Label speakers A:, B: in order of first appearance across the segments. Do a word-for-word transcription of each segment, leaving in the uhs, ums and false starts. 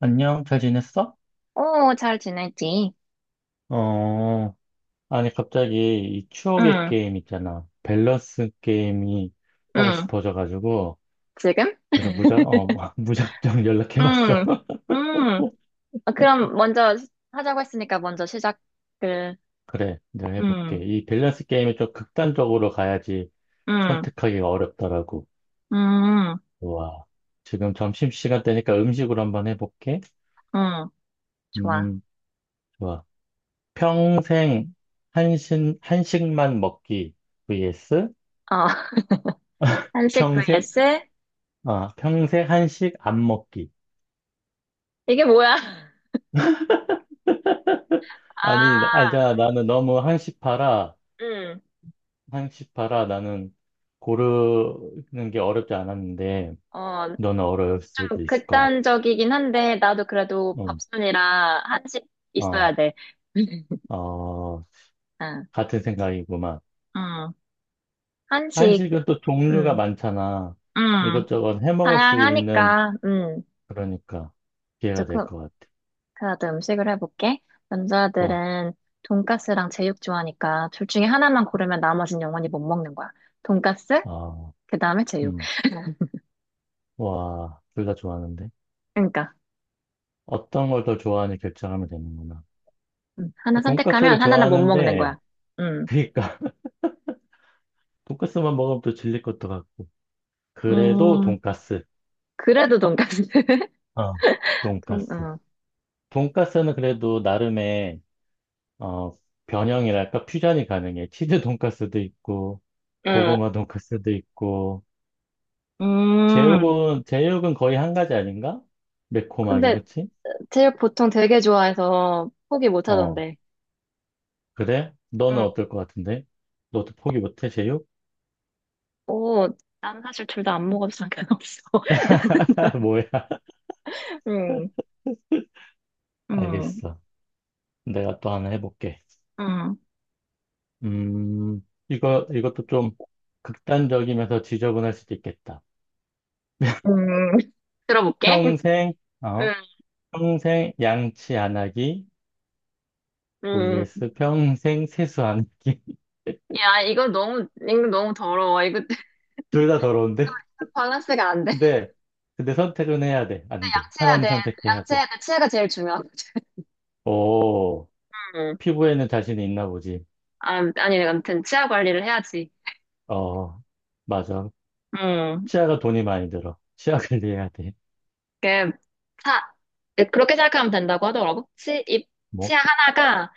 A: 안녕, 잘 지냈어?
B: 오, 잘 지내지?
A: 어, 아니, 갑자기 이 추억의
B: 응,
A: 게임 있잖아. 밸런스 게임이 하고
B: 응.
A: 싶어져가지고,
B: 지금?
A: 그래서 무작, 어, 뭐, 무작정 연락해봤어.
B: 응, 응. 어, 그럼 먼저 시- 하자고 했으니까 먼저 시작을.
A: 그래, 내가 해볼게.
B: 응,
A: 이 밸런스 게임이 좀 극단적으로 가야지
B: 응,
A: 선택하기가 어렵더라고.
B: 응,
A: 좋아. 지금 점심시간 되니까 음식으로 한번 해볼게.
B: 응. 좋아.
A: 음, 좋아. 평생 한식, 한식만 먹기 vs
B: 어. 한식
A: 평생,
B: vs?
A: 아, 평생 한식 안 먹기.
B: 이게 뭐야?
A: 아니,
B: 아,
A: 알자. 나는 너무 한시파라,
B: 응.
A: 한시파라 나는 고르는 게 어렵지 않았는데,
B: 어,
A: 너는 어려울 수도
B: 좀
A: 있을 것 같아.
B: 극단적이긴 한데, 나도 그래도
A: 응,
B: 밥순이라 한식
A: 어,
B: 있어야 돼.
A: 어,
B: 응,
A: 같은 생각이구만.
B: 응. 한식,
A: 한식은 또 종류가
B: 응,
A: 많잖아.
B: 응.
A: 이것저것 해 먹을 수 있는,
B: 다양하니까, 응.
A: 그러니까, 기회가 될
B: 조금
A: 것 같아.
B: 그래도 음식을 해볼게.
A: 좋아.
B: 남자들은 돈가스랑 제육 좋아하니까 둘 중에 하나만 고르면 나머진 영원히 못 먹는 거야. 돈가스,
A: 어,
B: 그 다음에 제육.
A: 음, 와, 둘 다 좋아하는데.
B: 그러니까
A: 어떤 걸 더 좋아하는지 결정하면 되는구나.
B: 음, 하나
A: 돈까스를
B: 선택하면 하나는 못 먹는
A: 좋아하는데,
B: 거야. 음,
A: 그러니까 돈까스만 먹으면 또 질릴 것도 같고. 그래도
B: 음,
A: 돈가스,
B: 그래도 돈가스.
A: 어,
B: 돈,
A: 돈가스.
B: 어.
A: 돈가스는 그래도 나름의 어, 변형이랄까 퓨전이 가능해. 치즈 돈가스도 있고
B: 응.
A: 고구마 돈가스도 있고
B: 음.
A: 제육은 제육은 거의 한 가지 아닌가? 매콤하게,
B: 근데
A: 그치?
B: 제육 보통 되게 좋아해서 포기 못
A: 어,
B: 하던데.
A: 그래? 너는
B: 응.
A: 어떨 것 같은데? 너도 포기 못해, 제육?
B: 오, 난 사실 둘 다 안 먹어도 상관없어.
A: 뭐야?
B: 나는, 응. 음,
A: 알겠어. 내가 또 하나 해볼게.
B: 음,
A: 음, 이거, 이것도 좀 극단적이면서 지저분할 수도 있겠다.
B: 음. 들어볼게.
A: 평생, 어,
B: 응,
A: 평생 양치 안 하기
B: 응.
A: vs 평생 세수 안 하기.
B: 야, 이거 너무, 이거 너무 더러워. 이거
A: 둘 다 더러운데?
B: 밸런스가 안 돼.
A: 근데, 근데 선택은 해야 돼. 안 돼.
B: 양치해야
A: 하나는
B: 돼.
A: 선택해야 돼.
B: 양치해야 돼. 치아가 제일 중요하거든.
A: 오,
B: 응.
A: 피부에는 자신이 있나 보지.
B: 아, 아니, 내가 아무튼 치아 관리를 해야지.
A: 어, 맞아.
B: 응.
A: 치아가 돈이 많이 들어. 치아 관리해야 돼.
B: 그, 차, 그렇게 생각하면 된다고 하더라고. 치, 입,
A: 뭐?
B: 치아 하나가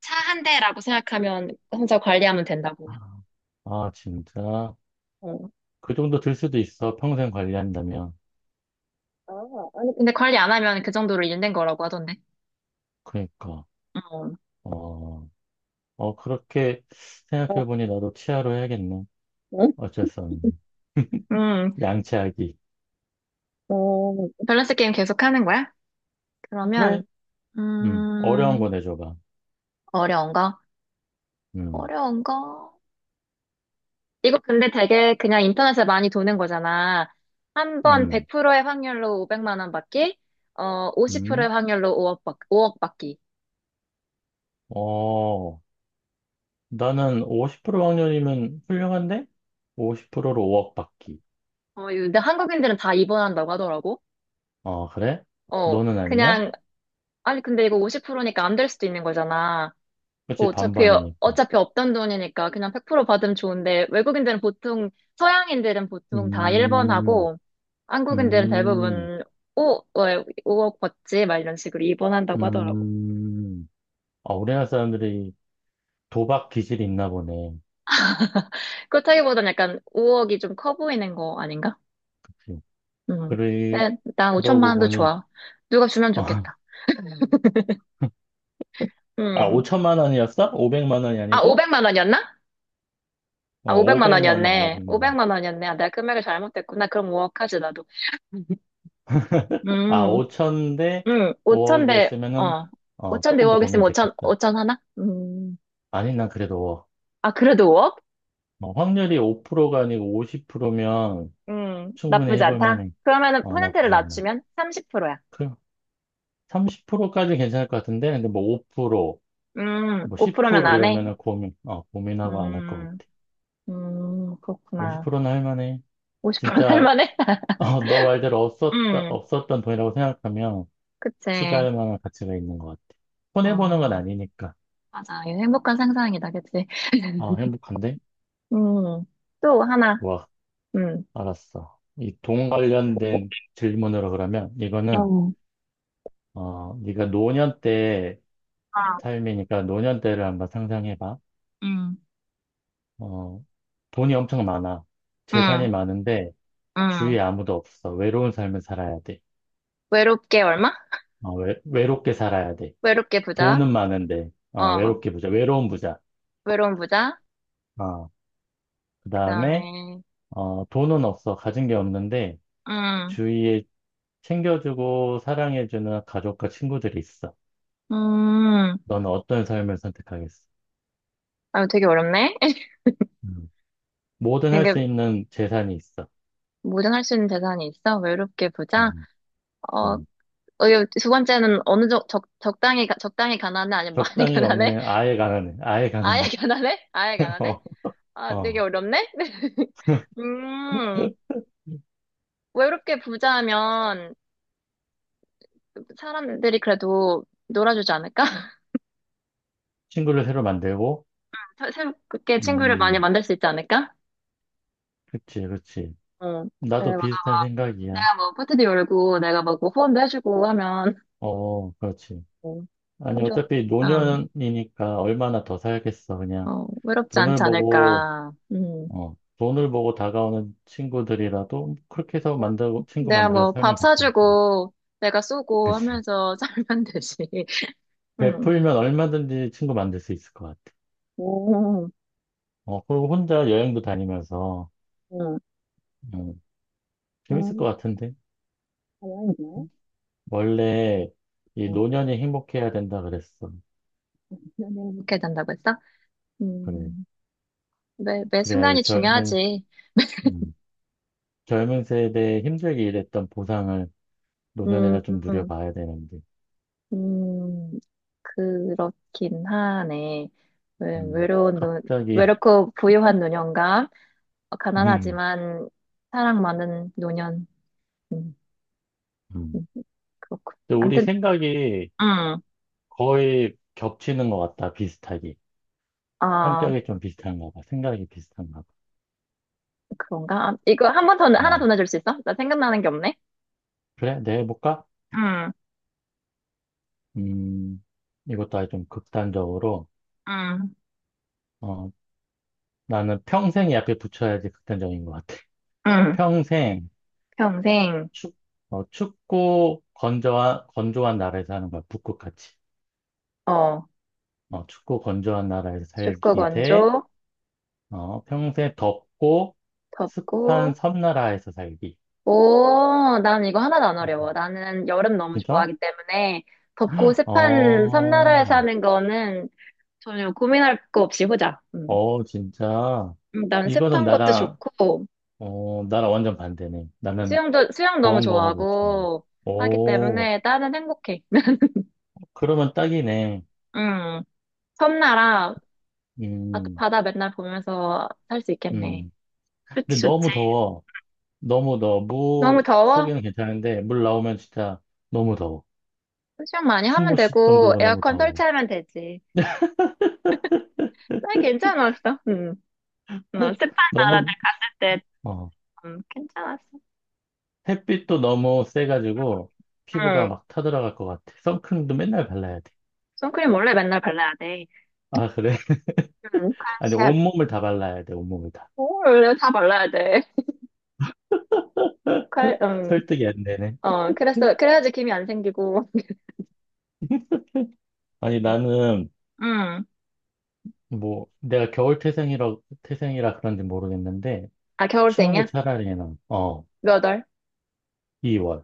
B: 차 한 대라고 생각하면 혼자 관리하면 된다고.
A: 아, 진짜.
B: 어.
A: 그 정도 들 수도 있어. 평생 관리한다면.
B: 아, 아니, 근데 관리 안 하면 그 정도로 일된 거라고 하던데.
A: 그러니까.
B: 응.
A: 어, 어, 그렇게 생각해보니 나도 치아로 해야겠네.
B: 응.
A: 어쩔 수 없네.
B: 응.
A: 양치하기.
B: 어, 밸런스 게임 계속 하는 거야?
A: 그래?
B: 그러면,
A: 음, 어려운
B: 음,
A: 거 내줘봐.
B: 어려운 거?
A: 음,
B: 어려운 거? 이거 근데 되게 그냥 인터넷에 많이 도는 거잖아. 한 번
A: 음,
B: 백 퍼센트의 확률로 오백만 원 받기, 어, 오십 퍼센트의
A: 음.
B: 확률로 오억 받, 오억 받기.
A: 어, 나는 오십 퍼센트 확률이면 훌륭한데? 오십 퍼센트로 오억 받기.
B: 어, 이거 근데 한국인들은 다 입원한다고 하더라고.
A: 어, 그래?
B: 어,
A: 너는 아니야?
B: 그냥, 아니, 근데 이거 오십 퍼센트니까 안 될 수도 있는 거잖아. 뭐
A: 그치,
B: 어차피,
A: 반반이니까.
B: 어차피 없던 돈이니까 그냥 백 퍼센트 받으면 좋은데, 외국인들은 보통, 서양인들은 보통 다 일 번
A: 음,
B: 하고, 한국인들은
A: 음,
B: 대부분 오 오억 받지? 막 이런 식으로 이 번 한다고 하더라고.
A: 음. 아, 우리나라 사람들이 도박 기질이 있나 보네.
B: 그렇다기보단 약간 오억이 좀 커 보이는 거 아닌가?
A: 그치?
B: 음.
A: 그래,
B: 네, 난 오천만
A: 그러고
B: 원도
A: 보니,
B: 좋아. 누가 주면 좋겠다.
A: 아,
B: 음.
A: 오천만 원이었어? 오백만 원이
B: 아,
A: 아니고?
B: 오백만 원이었나?
A: 어,
B: 아,
A: 오
B: 오백만
A: 백만 원,
B: 원이었네.
A: 오백만 원.
B: 오백만 원이었네. 아, 내가 금액을 잘못했구나. 그럼 오억 하지, 나도.
A: 아,
B: 음.
A: 오천 대
B: 응, 오천 대,
A: 오억이었으면은,
B: 어,
A: 어,
B: 오천 대 오
A: 조금 더
B: 억 있으면 5천,
A: 고민됐겠다.
B: 오천 하나? 음,
A: 아니, 난 그래도,
B: 아, 그래도 오억?
A: 어, 확률이 오 퍼센트가 아니고 오십 퍼센트면
B: 음,
A: 충분히
B: 나쁘지
A: 해볼
B: 않다.
A: 만해.
B: 그러면은
A: 어,
B: 퍼센트를
A: 나쁘지 않아.
B: 낮추면 삼십 퍼센트야.
A: 그, 삼십 퍼센트까지 괜찮을 것 같은데, 근데 뭐 오 퍼센트,
B: 음,
A: 뭐
B: 오 퍼센트면
A: 십 퍼센트
B: 안 해?
A: 이러면은 고민, 어, 고민하고 안 할 것
B: 음,
A: 같아.
B: 음,
A: 오
B: 그렇구나.
A: 십은 할 만해.
B: 오십 퍼센트는 할
A: 진짜,
B: 만해?
A: 어, 너 말대로 없었다,
B: 음,
A: 없었던 돈이라고 생각하면
B: 그치.
A: 투자할 만한 가치가 있는 것 같아. 손해보는 건
B: 어,
A: 아니니까.
B: 맞아. 이거 행복한 상상이다, 그치?
A: 어, 행복한데?
B: 음, 또 하나.
A: 와.
B: 음,
A: 알았어. 이 돈 관련된 질문으로 그러면 이거는
B: 어.
A: 어 네가 노년 때
B: 아,
A: 삶이니까 노년 때를 한번 상상해봐.
B: 음,
A: 어 돈이 엄청 많아. 재산이
B: 음,
A: 많은데
B: 음.
A: 주위에 아무도 없어. 외로운 삶을 살아야 돼.
B: 외롭게 얼마?
A: 어, 외, 외롭게 살아야 돼.
B: 외롭게 부자.
A: 돈은 많은데 어
B: 어,
A: 외롭게 부자. 외로운 부자.
B: 외로운 부자.
A: 어 그다음에
B: 그다음에
A: 어 돈은 없어. 가진 게 없는데
B: 음,
A: 주위에 챙겨주고 사랑해주는 가족과 친구들이 있어.
B: 음,
A: 너는 어떤 삶을 선택하겠어?
B: 아 되게 어렵네.
A: 음. 뭐든 할
B: 되게
A: 수 있는 재산이 있어.
B: 모전할 수 있는 재산이 있어? 외롭게 부자?
A: 음,
B: 어,
A: 음.
B: 어, 이거 두 번째는 어느 정 적, 적당히 가- 적당히 가난해? 아니면 많이
A: 적당히
B: 가난해?
A: 없냐? 아예 가난해. 아예
B: 아예
A: 가난해.
B: 가난해? 아예 가난해?
A: 어,
B: 아, 되게
A: 어.
B: 어렵네. 음, 외롭게 부자면 사람들이 그래도 놀아주지 않을까?
A: 친구를 새로 만들고,
B: 새- 새롭게 친구를 많이
A: 음,
B: 만들 수 있지 않을까?
A: 그치, 그치.
B: 어, 네,
A: 나도
B: 막
A: 비슷한 생각이야.
B: 내가 뭐 파티도 열고 내가 막뭐 후원도 해주고 하면
A: 어, 그렇지.
B: 어,
A: 아니,
B: 그럼 좀,
A: 어차피
B: 음,
A: 노년이니까 얼마나 더 살겠어, 그냥.
B: 어, 외롭지 않지
A: 돈을 보고,
B: 않을까. 음.
A: 어, 돈을 보고 다가오는 친구들이라도 그렇게 해서 만들고, 친구
B: 내가
A: 만들어서
B: 뭐
A: 살면
B: 밥
A: 괜찮을 것 같아.
B: 사주고 내가 쏘고
A: 그치.
B: 하면서 살면 되지. 음.
A: 베풀면 얼마든지 친구 만들 수 있을 것 같아.
B: 오, 어,
A: 어, 그리고 혼자 여행도 다니면서,
B: 음,
A: 어, 재밌을 것
B: 음,
A: 같은데?
B: 다행이네.
A: 원래 이
B: 음,
A: 노년이 행복해야 된다 그랬어.
B: 너는 행 된다고 했어?
A: 그래.
B: 음, 매, 매
A: 그래야 이
B: 순간이
A: 젊은,
B: 중요하지.
A: 음, 젊은 세대에 힘들게 일했던 보상을
B: 음,
A: 노년에는 좀
B: 음,
A: 누려봐야 되는데.
B: 음, 그렇긴 하네. 외-
A: 음,
B: 외로운 노,
A: 갑자기,
B: 외롭고 부유한 노년과
A: 음,
B: 가난하지만 사랑 많은 노년. 음.
A: 음.
B: 그렇군.
A: 근데 우리
B: 아무튼,
A: 생각이
B: 응,
A: 거의 겹치는 것 같다, 비슷하게.
B: 아,
A: 성격이 좀 비슷한가 봐. 생각이 비슷한가 봐.
B: 그런가? 아, 이거 한 번 더, 하나 더
A: 음,
B: 내줄 수 있어? 나 생각나는 게 없네?
A: 그래, 내가 해볼까?
B: 응,
A: 음, 이것도 아주 좀 극단적으로,
B: 응,
A: 어, 나는 평생이 앞에 붙여야지 극단적인 것 같아.
B: 응.
A: 평생
B: 평생,
A: 축, 어, 춥고 건조한, 건조한 나라에서 사는 거야. 북극같이.
B: 어,
A: 어, 춥고 건조한 나라에서
B: 춥고
A: 살기 대,
B: 건조,
A: 어, 평생 덥고
B: 덥고,
A: 습한 섬나라에서 살기.
B: 오, 난 이거 하나도 안 어려워. 나는 여름 너무
A: 진짜?
B: 좋아하기 때문에 덥고 습한 섬나라에
A: 어,
B: 사는 거는 전혀 고민할 거 없이 보자. 음.
A: 어, 진짜.
B: 음, 난
A: 이거는
B: 습한 것도
A: 나랑,
B: 좋고,
A: 어, 나랑 완전 반대네. 나는
B: 수영도, 수영 너무
A: 더운 거 못 참네.
B: 좋아하고 하기
A: 오,
B: 때문에 나는 행복해.
A: 그러면 딱이네.
B: 응. 섬나라, 바-
A: 음,
B: 바다 맨날 보면서 살 수 있겠네.
A: 음.
B: 좋지,
A: 근데
B: 좋지.
A: 너무 더워. 너무 더워.
B: 너무
A: 무
B: 더워?
A: 속에는 괜찮은데, 물 나오면 진짜 너무 더워.
B: 수영 많이
A: 숨
B: 하면
A: 못 쉴
B: 되고,
A: 정도로 너무
B: 에어컨
A: 더워.
B: 설치하면 되지. 난 괜찮았어. 응. 어, 습한 나라들
A: 너무,
B: 갔을 때,
A: 어,
B: 음, 괜찮았어.
A: 햇빛도 너무 세가지고, 피부가
B: 응.
A: 막 타들어갈 것 같아. 선크림도 맨날 발라야 돼.
B: 선크림 원래 맨날 발라야 돼.
A: 아, 그래?
B: 응,
A: 아니,
B: 관시야 돼.
A: 온몸을 다 발라야 돼, 온몸을 다.
B: 원래 다 발라야 돼. 칼, 음,
A: 설득이 안 되네.
B: 어, 그래서, 그래야지 김이 안 생기고.
A: 아니, 나는,
B: 응.
A: 뭐, 내가 겨울 태생이라, 태생이라 그런지 모르겠는데,
B: 아,
A: 추운 게
B: 겨울생이야?
A: 차라리 나. 어,
B: 몇 월?
A: 이월.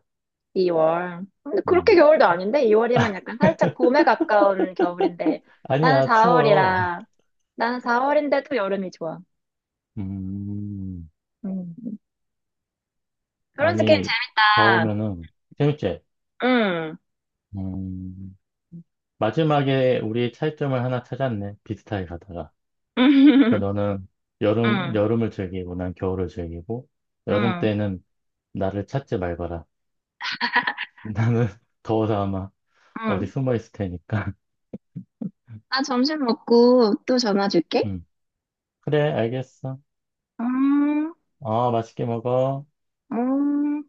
B: 이월. 근데 그렇게 겨울도 아닌데? 이월이면 약간 살짝 봄에 가까운 겨울인데. 나는
A: 아니야, 추워요.
B: 사월이라. 나는 사월인데도 여름이 좋아.
A: 음.
B: 음. 그런 스 게임
A: 아니, 다
B: 재밌다.
A: 오면은 재밌지?
B: 응.
A: 음, 마지막에 우리 차이점을 하나 찾았네. 비슷하게 가다가. 그
B: 응.
A: 너는 여름,
B: 응.
A: 여름을 즐기고 난 겨울을 즐기고, 여름
B: 응.
A: 때는 나를 찾지 말거라. 나는 더워서 아마 어디
B: 응.
A: 숨어 있을 테니까.
B: 나 점심 먹고 또 전화 줄게.
A: 음, 그래, 알겠어.
B: 음.
A: 어, 맛있게 먹어.
B: 음.